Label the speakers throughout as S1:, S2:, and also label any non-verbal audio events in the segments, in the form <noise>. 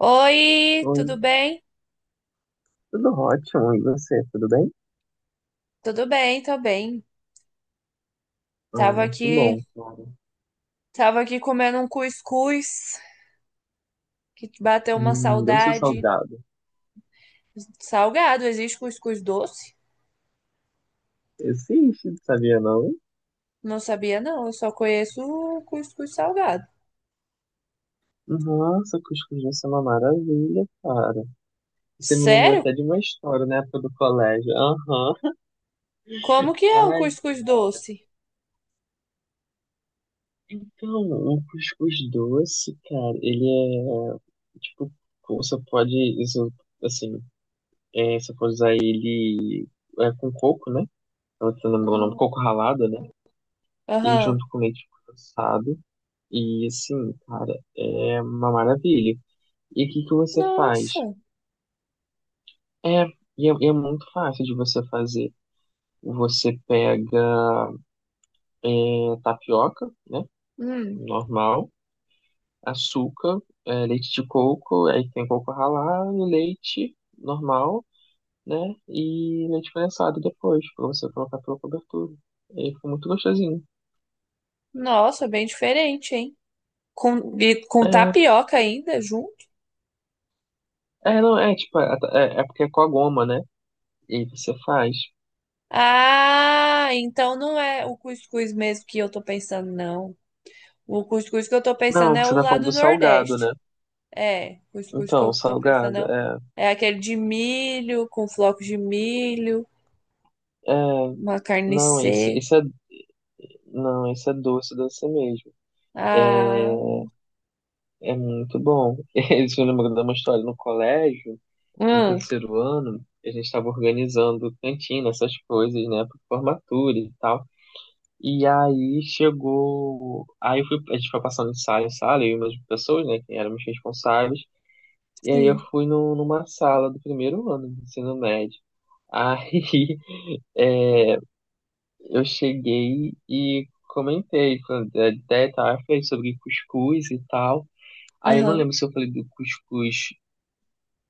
S1: Oi,
S2: Oi,
S1: tudo bem?
S2: tudo ótimo, e você, tudo bem?
S1: Tudo bem, tô bem. Tava
S2: Ah, que bom,
S1: aqui,
S2: cara.
S1: tava aqui comendo um cuscuz que bateu uma
S2: Doce ou
S1: saudade.
S2: salgado.
S1: Salgado, existe cuscuz doce?
S2: Existe, sabia não?
S1: Não sabia não, eu só conheço o cuscuz salgado.
S2: Nossa, cuscuz vai ser uma maravilha, cara. Você me lembrou
S1: Sério?
S2: até de uma história na época do colégio. Aham.
S1: Como que é o
S2: Ai,
S1: cuscuz doce?
S2: então, o cuscuz doce, cara, ele é, tipo, você pode, isso, assim, é, você pode usar ele é, com coco, né? Eu não lembro o nome,
S1: Hum.
S2: coco ralado, né? E
S1: Aham.
S2: junto com leite condensado. E assim, cara, é uma maravilha. E o que que você faz?
S1: Nossa.
S2: É, e é muito fácil de você fazer. Você pega é, tapioca, né?
S1: Hum.
S2: Normal, açúcar, é, leite de coco, aí tem coco ralado, leite normal, né? E leite condensado depois, pra você colocar pela cobertura. E fica muito gostosinho.
S1: Nossa, bem diferente, hein? Com, e com
S2: É,
S1: tapioca ainda junto?
S2: é, não, é tipo, é é porque é com a goma, né? E você faz.
S1: Ah, então não é o cuscuz mesmo que eu tô pensando, não. O cuscuz que eu tô
S2: Não,
S1: pensando é
S2: você
S1: o
S2: tá
S1: lá
S2: falando
S1: do
S2: do salgado,
S1: Nordeste.
S2: né?
S1: É, cuscuz que eu
S2: Então,
S1: tô pensando
S2: salgado,
S1: é, o-
S2: é.
S1: é aquele de milho, com flocos de milho,
S2: É.
S1: uma carne
S2: Não, esse,
S1: seca.
S2: esse é. Não, esse é doce, doce mesmo.
S1: Ah,
S2: É, é muito bom. <laughs> Isso me lembrou de uma história no colégio, no
S1: hum,
S2: terceiro ano, a gente estava organizando cantina, essas coisas, né, para formatura e tal. E aí chegou. Aí eu fui, a gente foi passando de sala em sala, eu e umas pessoas, né, que éramos responsáveis. E aí eu
S1: sim.
S2: fui no, numa sala do primeiro ano do ensino médio. Aí, <laughs> eu cheguei e comentei, falei, é, até tá, falei sobre cuscuz e tal. Aí eu não
S1: Aham.
S2: lembro se eu falei do cuscuz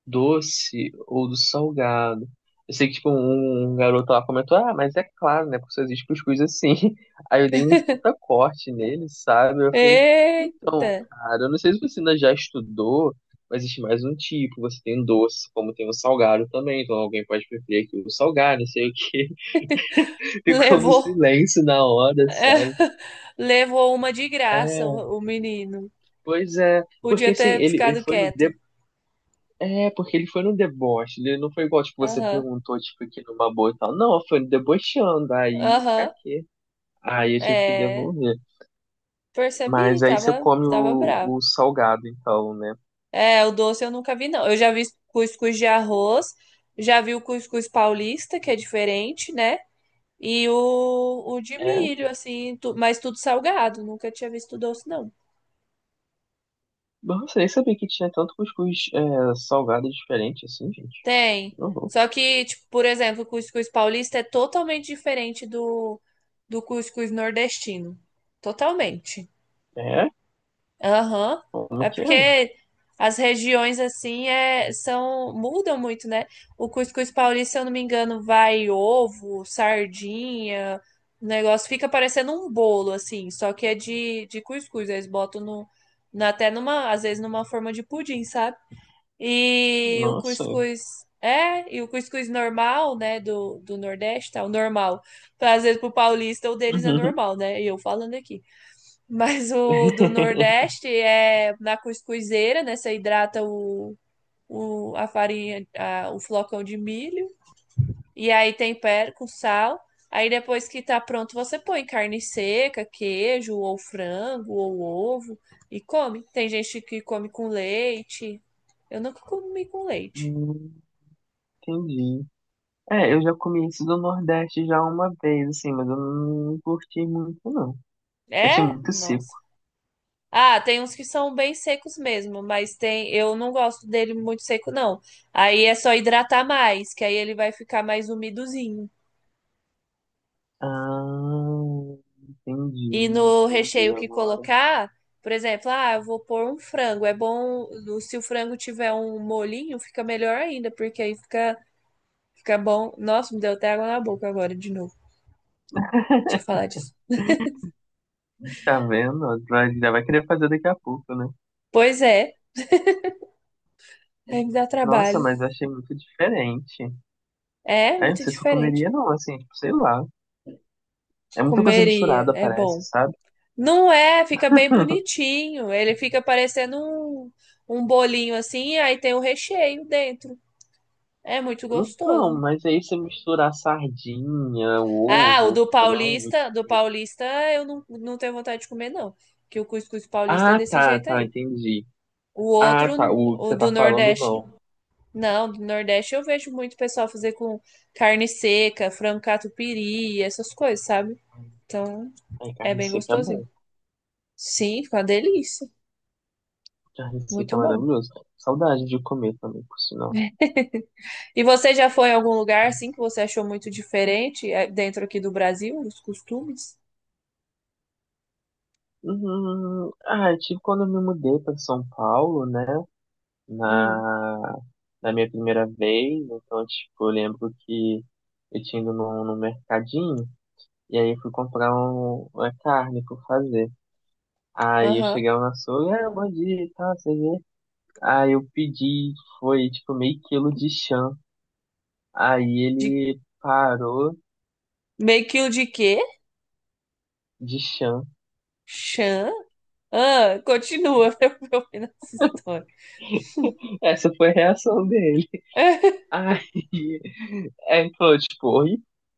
S2: doce ou do salgado. Eu sei que, tipo, um garoto lá comentou, ah, mas é claro, né, porque só existe cuscuz assim. <laughs> Aí eu dei um puta corte nele, sabe? Eu falei,
S1: Eita,
S2: então, cara, eu não sei se você ainda já estudou, mas existe mais um tipo, você tem doce, como tem o salgado também, então alguém pode preferir aqui o salgado, não sei o quê. <laughs> Ficou um
S1: levou,
S2: silêncio na hora, sabe?
S1: <laughs> levou uma de graça
S2: É,
S1: o menino.
S2: pois é,
S1: Podia
S2: porque assim,
S1: ter
S2: ele
S1: ficado
S2: foi no de...
S1: quieto.
S2: é, porque ele foi no deboche, ele não foi igual, tipo, você
S1: Aham,
S2: perguntou, tipo, aqui numa boa e tal, não, foi debochando, aí, pra
S1: aham,
S2: quê? Aí eu tive que
S1: é,
S2: devolver,
S1: percebi,
S2: mas aí você come
S1: tava bravo.
S2: o salgado, então, né,
S1: É, o doce eu nunca vi, não. Eu já vi cuscuz de arroz, já vi o cuscuz paulista, que é diferente, né? E o de
S2: é,
S1: milho, assim, tu- mas tudo salgado. Nunca tinha visto doce, não.
S2: nossa, nem sabia que tinha tanto cuscuz é, salgado diferente, assim, gente,
S1: Tem.
S2: não vou,
S1: Só que, tipo, por exemplo, o cuscuz paulista é totalmente diferente do cuscuz nordestino. Totalmente.
S2: é,
S1: Aham.
S2: como
S1: É
S2: que é?
S1: porque as regiões assim é, são mudam muito, né? O cuscuz paulista, se eu não me engano, vai ovo, sardinha, o negócio fica parecendo um bolo assim, só que é de cuscuz, eles botam no, na- até numa, às vezes numa forma de pudim, sabe? E o
S2: Nossa,
S1: cuscuz é, e o cuscuz normal, né, do Nordeste, tá? O normal. Às vezes pro paulista o deles é normal, né? E eu falando aqui. Mas o do
S2: <laughs>
S1: Nordeste é na cuscuzeira, né? Você hidrata o, a farinha, a- o flocão de milho. E aí tempera com sal. Aí depois que tá pronto, você põe carne seca, queijo, ou frango, ou ovo. E come. Tem gente que come com leite. Eu nunca comi com leite.
S2: Hum, entendi. É, eu já comi isso do Nordeste já uma vez, assim, mas eu não curti muito, não. Eu achei
S1: É?
S2: muito seco.
S1: Nossa. Ah, tem uns que são bem secos mesmo, mas tem, eu não gosto dele muito seco, não. Aí é só hidratar mais, que aí ele vai ficar mais umidozinho.
S2: Ah, entendi,
S1: E no
S2: entendi
S1: recheio que
S2: agora.
S1: colocar, por exemplo, ah, eu vou pôr um frango. É bom, se o frango tiver um molinho, fica melhor ainda, porque fica bom. Nossa, me deu até água na boca agora de novo. Deixa eu falar disso.
S2: Tá vendo? Vai- Já vai querer fazer daqui a pouco, né?
S1: Pois é, aí me dá
S2: Nossa,
S1: trabalho.
S2: mas eu achei muito diferente.
S1: É
S2: Aí, não
S1: muito
S2: sei se eu
S1: diferente.
S2: comeria, não, assim, tipo, sei lá. É muita coisa
S1: Comeria,
S2: misturada,
S1: é
S2: parece,
S1: bom.
S2: sabe?
S1: Não é, fica bem bonitinho. Ele fica parecendo um, um bolinho assim, e aí tem o recheio dentro. É muito
S2: Então,
S1: gostoso.
S2: mas aí você misturar sardinha,
S1: Ah, o
S2: ovo, frango.
S1: do paulista eu não, não tenho vontade de comer, não. Que o cuscuz paulista é
S2: Ah,
S1: desse
S2: tá,
S1: jeito
S2: tá,
S1: aí.
S2: entendi.
S1: O
S2: Ah,
S1: outro,
S2: tá, o que
S1: o
S2: você
S1: do
S2: tá falando,
S1: Nordeste,
S2: não.
S1: não, do Nordeste eu vejo muito pessoal fazer com carne seca, frango catupiry, essas coisas, sabe? Então,
S2: Ai,
S1: é
S2: carne
S1: bem
S2: seca é bom.
S1: gostosinho. Sim, fica uma delícia.
S2: Carne seca
S1: Muito
S2: é
S1: bom.
S2: maravilhoso. Saudade de comer também, por sinal.
S1: E você já foi em algum lugar assim que você achou muito diferente dentro aqui do Brasil, os costumes?
S2: Ah, eu tive quando eu me mudei para São Paulo, né?
S1: Hum,
S2: Na, na minha primeira vez. Então, tipo, eu lembro que eu tinha ido num mercadinho e aí eu fui comprar uma carne para fazer. Aí eu
S1: aham.
S2: cheguei lá no açougue, ah, bom dia e tal, você vê. Aí eu pedi, foi tipo meio quilo de chã. Aí
S1: De
S2: ele parou
S1: meio quilo de quê?
S2: de chã.
S1: Chã? Ah, continua <laughs> pra eu ouvir essa história.
S2: Essa foi a reação dele. <laughs> Aí, Aí ele falou, tipo, oi?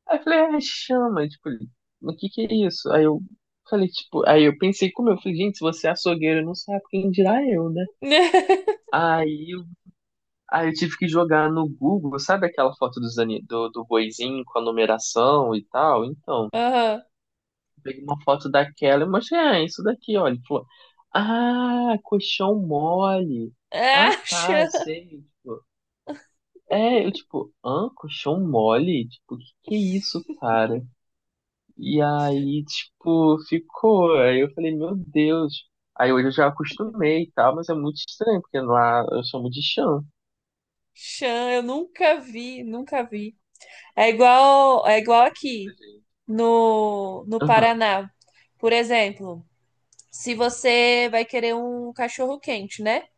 S2: Aí eu falei, ah, chama, tipo, ele, o que que é isso? Aí eu falei, tipo, aí eu pensei como eu falei, gente, se você é açougueiro, não sabe quem dirá eu, né?
S1: <laughs>
S2: Aí, eu- Aí eu tive que jogar no Google, sabe aquela foto dos, ani- do boizinho com a numeração e tal? Então,
S1: Aham.
S2: eu peguei uma foto daquela e mostrei, ah, é isso daqui, olha. Ele falou, ah, colchão mole. Ah,
S1: Ah,
S2: tá,
S1: chã.
S2: sei. É, eu tipo, hã? Colchão mole? Tipo, que é isso, cara? E aí, tipo, ficou. Aí eu falei, meu Deus. Aí hoje eu já acostumei e tal, mas é muito estranho, porque lá eu chamo de chão.
S1: Chã, eu nunca vi, nunca vi. É igual aqui no, no
S2: Aham,
S1: Paraná. Por exemplo, se você vai querer um cachorro quente, né?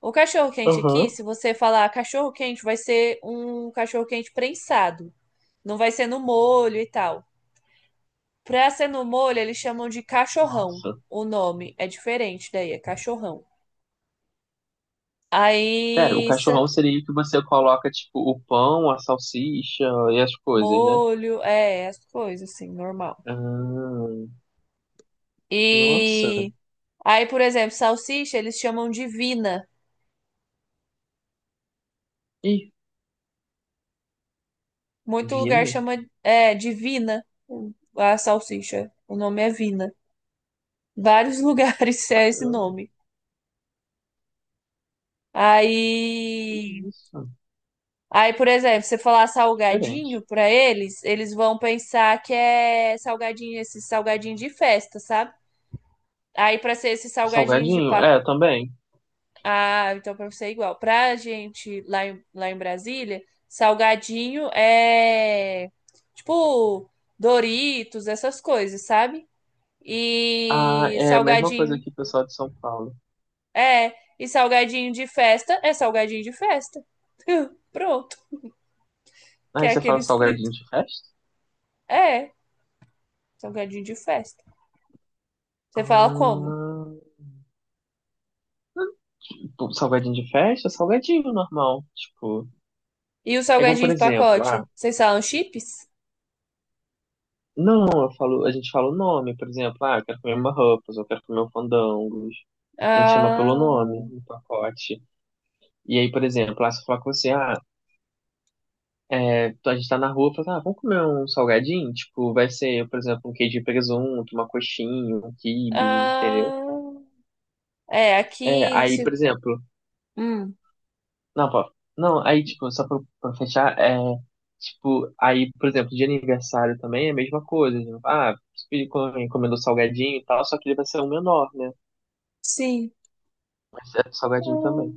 S1: O cachorro quente aqui,
S2: aham.
S1: se você falar cachorro quente, vai ser um cachorro quente prensado. Não vai ser no molho e tal. Pra ser no molho, eles chamam de cachorrão.
S2: Nossa.
S1: O nome é diferente daí, é cachorrão.
S2: Pera, o
S1: Aí, sa-
S2: cachorrão seria o que você coloca, tipo, o pão, a salsicha e as coisas, né?
S1: molho, é, as coisas assim, normal.
S2: Ah,
S1: E
S2: nossa.
S1: aí, por exemplo, salsicha, eles chamam de vina.
S2: Ih,
S1: Muito lugar
S2: vina.
S1: chama, é, de vina a salsicha. O nome é vina. Vários <laughs> lugares é esse
S2: Caramba,
S1: nome.
S2: que
S1: Aí,
S2: isso?
S1: aí, por exemplo, você falar salgadinho
S2: Diferente.
S1: pra eles, eles vão pensar que é salgadinho, esse salgadinho de festa, sabe? Aí pra ser esse salgadinho de
S2: Salgadinho,
S1: pa...
S2: é, também.
S1: Ah, então pra você é igual. Pra gente lá em Brasília, salgadinho é tipo Doritos, essas coisas, sabe?
S2: Ah,
S1: E
S2: é a mesma coisa
S1: salgadinho
S2: que o pessoal de São Paulo.
S1: é, e salgadinho de festa é salgadinho de festa. <laughs> Pronto, que
S2: Ah,
S1: é
S2: você fala
S1: aqueles fritos.
S2: salgadinho de festa?
S1: É. Salgadinho de festa. Você fala como?
S2: Ah, tipo, salgadinho de festa? Salgadinho normal. Tipo,
S1: E o
S2: é igual,
S1: salgadinho
S2: por
S1: de
S2: exemplo,
S1: pacote?
S2: ah,
S1: Vocês falam chips?
S2: não, eu falo, a gente fala o nome, por exemplo, ah, eu quero comer uma Ruffles, eu quero comer um fandangos. A gente chama pelo
S1: Ah,
S2: nome, no pacote. E aí, por exemplo, lá, se eu falar com você, ah, é, a gente tá na rua, fala, ah, vamos comer um salgadinho? Tipo, vai ser, por exemplo, um queijo de presunto, uma coxinha, um quibe, entendeu?
S1: ah, é,
S2: É,
S1: aqui.
S2: aí, por
S1: Se,
S2: exemplo,
S1: hum,
S2: Não, pô. Não, aí, tipo, só pra fechar, é. Tipo, aí, por exemplo, de aniversário também é a mesma coisa. Né? Ah, você pediu- encomendou salgadinho e tal, só que ele vai ser um menor, né?
S1: sim.
S2: Mas é salgadinho também.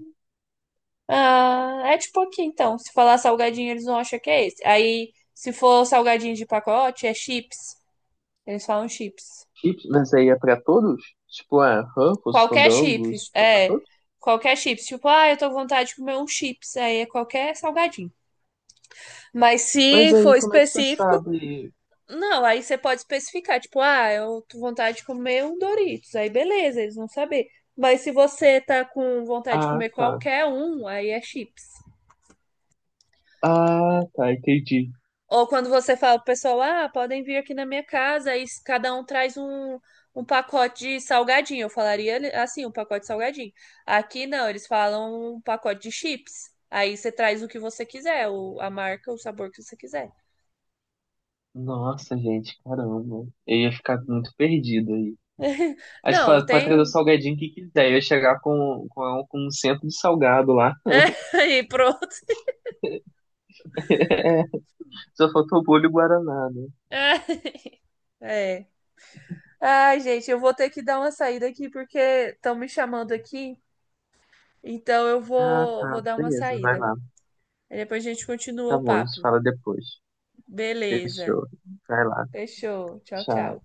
S1: Ah, ah. É tipo aqui então. Se falar salgadinho, eles vão achar que é esse. Aí, se for salgadinho de pacote, é chips. Eles falam chips.
S2: Chips, mas aí é pra todos? Tipo, é Ruffles,
S1: Qualquer
S2: Fandangos,
S1: chips,
S2: tipo, é pra
S1: é.
S2: todos?
S1: Qualquer chips. Tipo, ah, eu tô com vontade de comer um chips. Aí é qualquer salgadinho. Mas
S2: Mas
S1: se
S2: aí,
S1: for
S2: como é que você
S1: específico,
S2: sabe?
S1: não, aí você pode especificar, tipo, ah, eu tô com vontade de comer um Doritos. Aí beleza, eles vão saber. Mas se você tá com vontade de
S2: Ah,
S1: comer
S2: tá.
S1: qualquer um, aí é chips.
S2: Ah, tá, entendi.
S1: Ou quando você fala pro pessoal, ah, podem vir aqui na minha casa, aí cada um traz um, um pacote de salgadinho. Eu falaria assim, um pacote de salgadinho. Aqui não, eles falam um pacote de chips. Aí você traz o que você quiser, o, a marca, o sabor que você quiser.
S2: Nossa, gente, caramba. Eu ia ficar muito perdido aí.
S1: <laughs>
S2: Aí você
S1: Não,
S2: fala, pode trazer o
S1: tem.
S2: salgadinho que quiser. Eu ia chegar com um centro de salgado lá.
S1: <laughs> Aí pronto.
S2: Só faltou o bolho e o Guaraná, né?
S1: <laughs> É. Ai, gente, eu vou ter que dar uma saída aqui porque estão me chamando aqui. Então eu
S2: Ah, tá.
S1: vou dar uma
S2: Beleza, vai
S1: saída.
S2: lá.
S1: Aí depois a gente continua
S2: Tá
S1: o
S2: bom, a gente
S1: papo.
S2: fala depois.
S1: Beleza.
S2: Fechou. Vai lá.
S1: Fechou. Tchau,
S2: Tchau.
S1: tchau.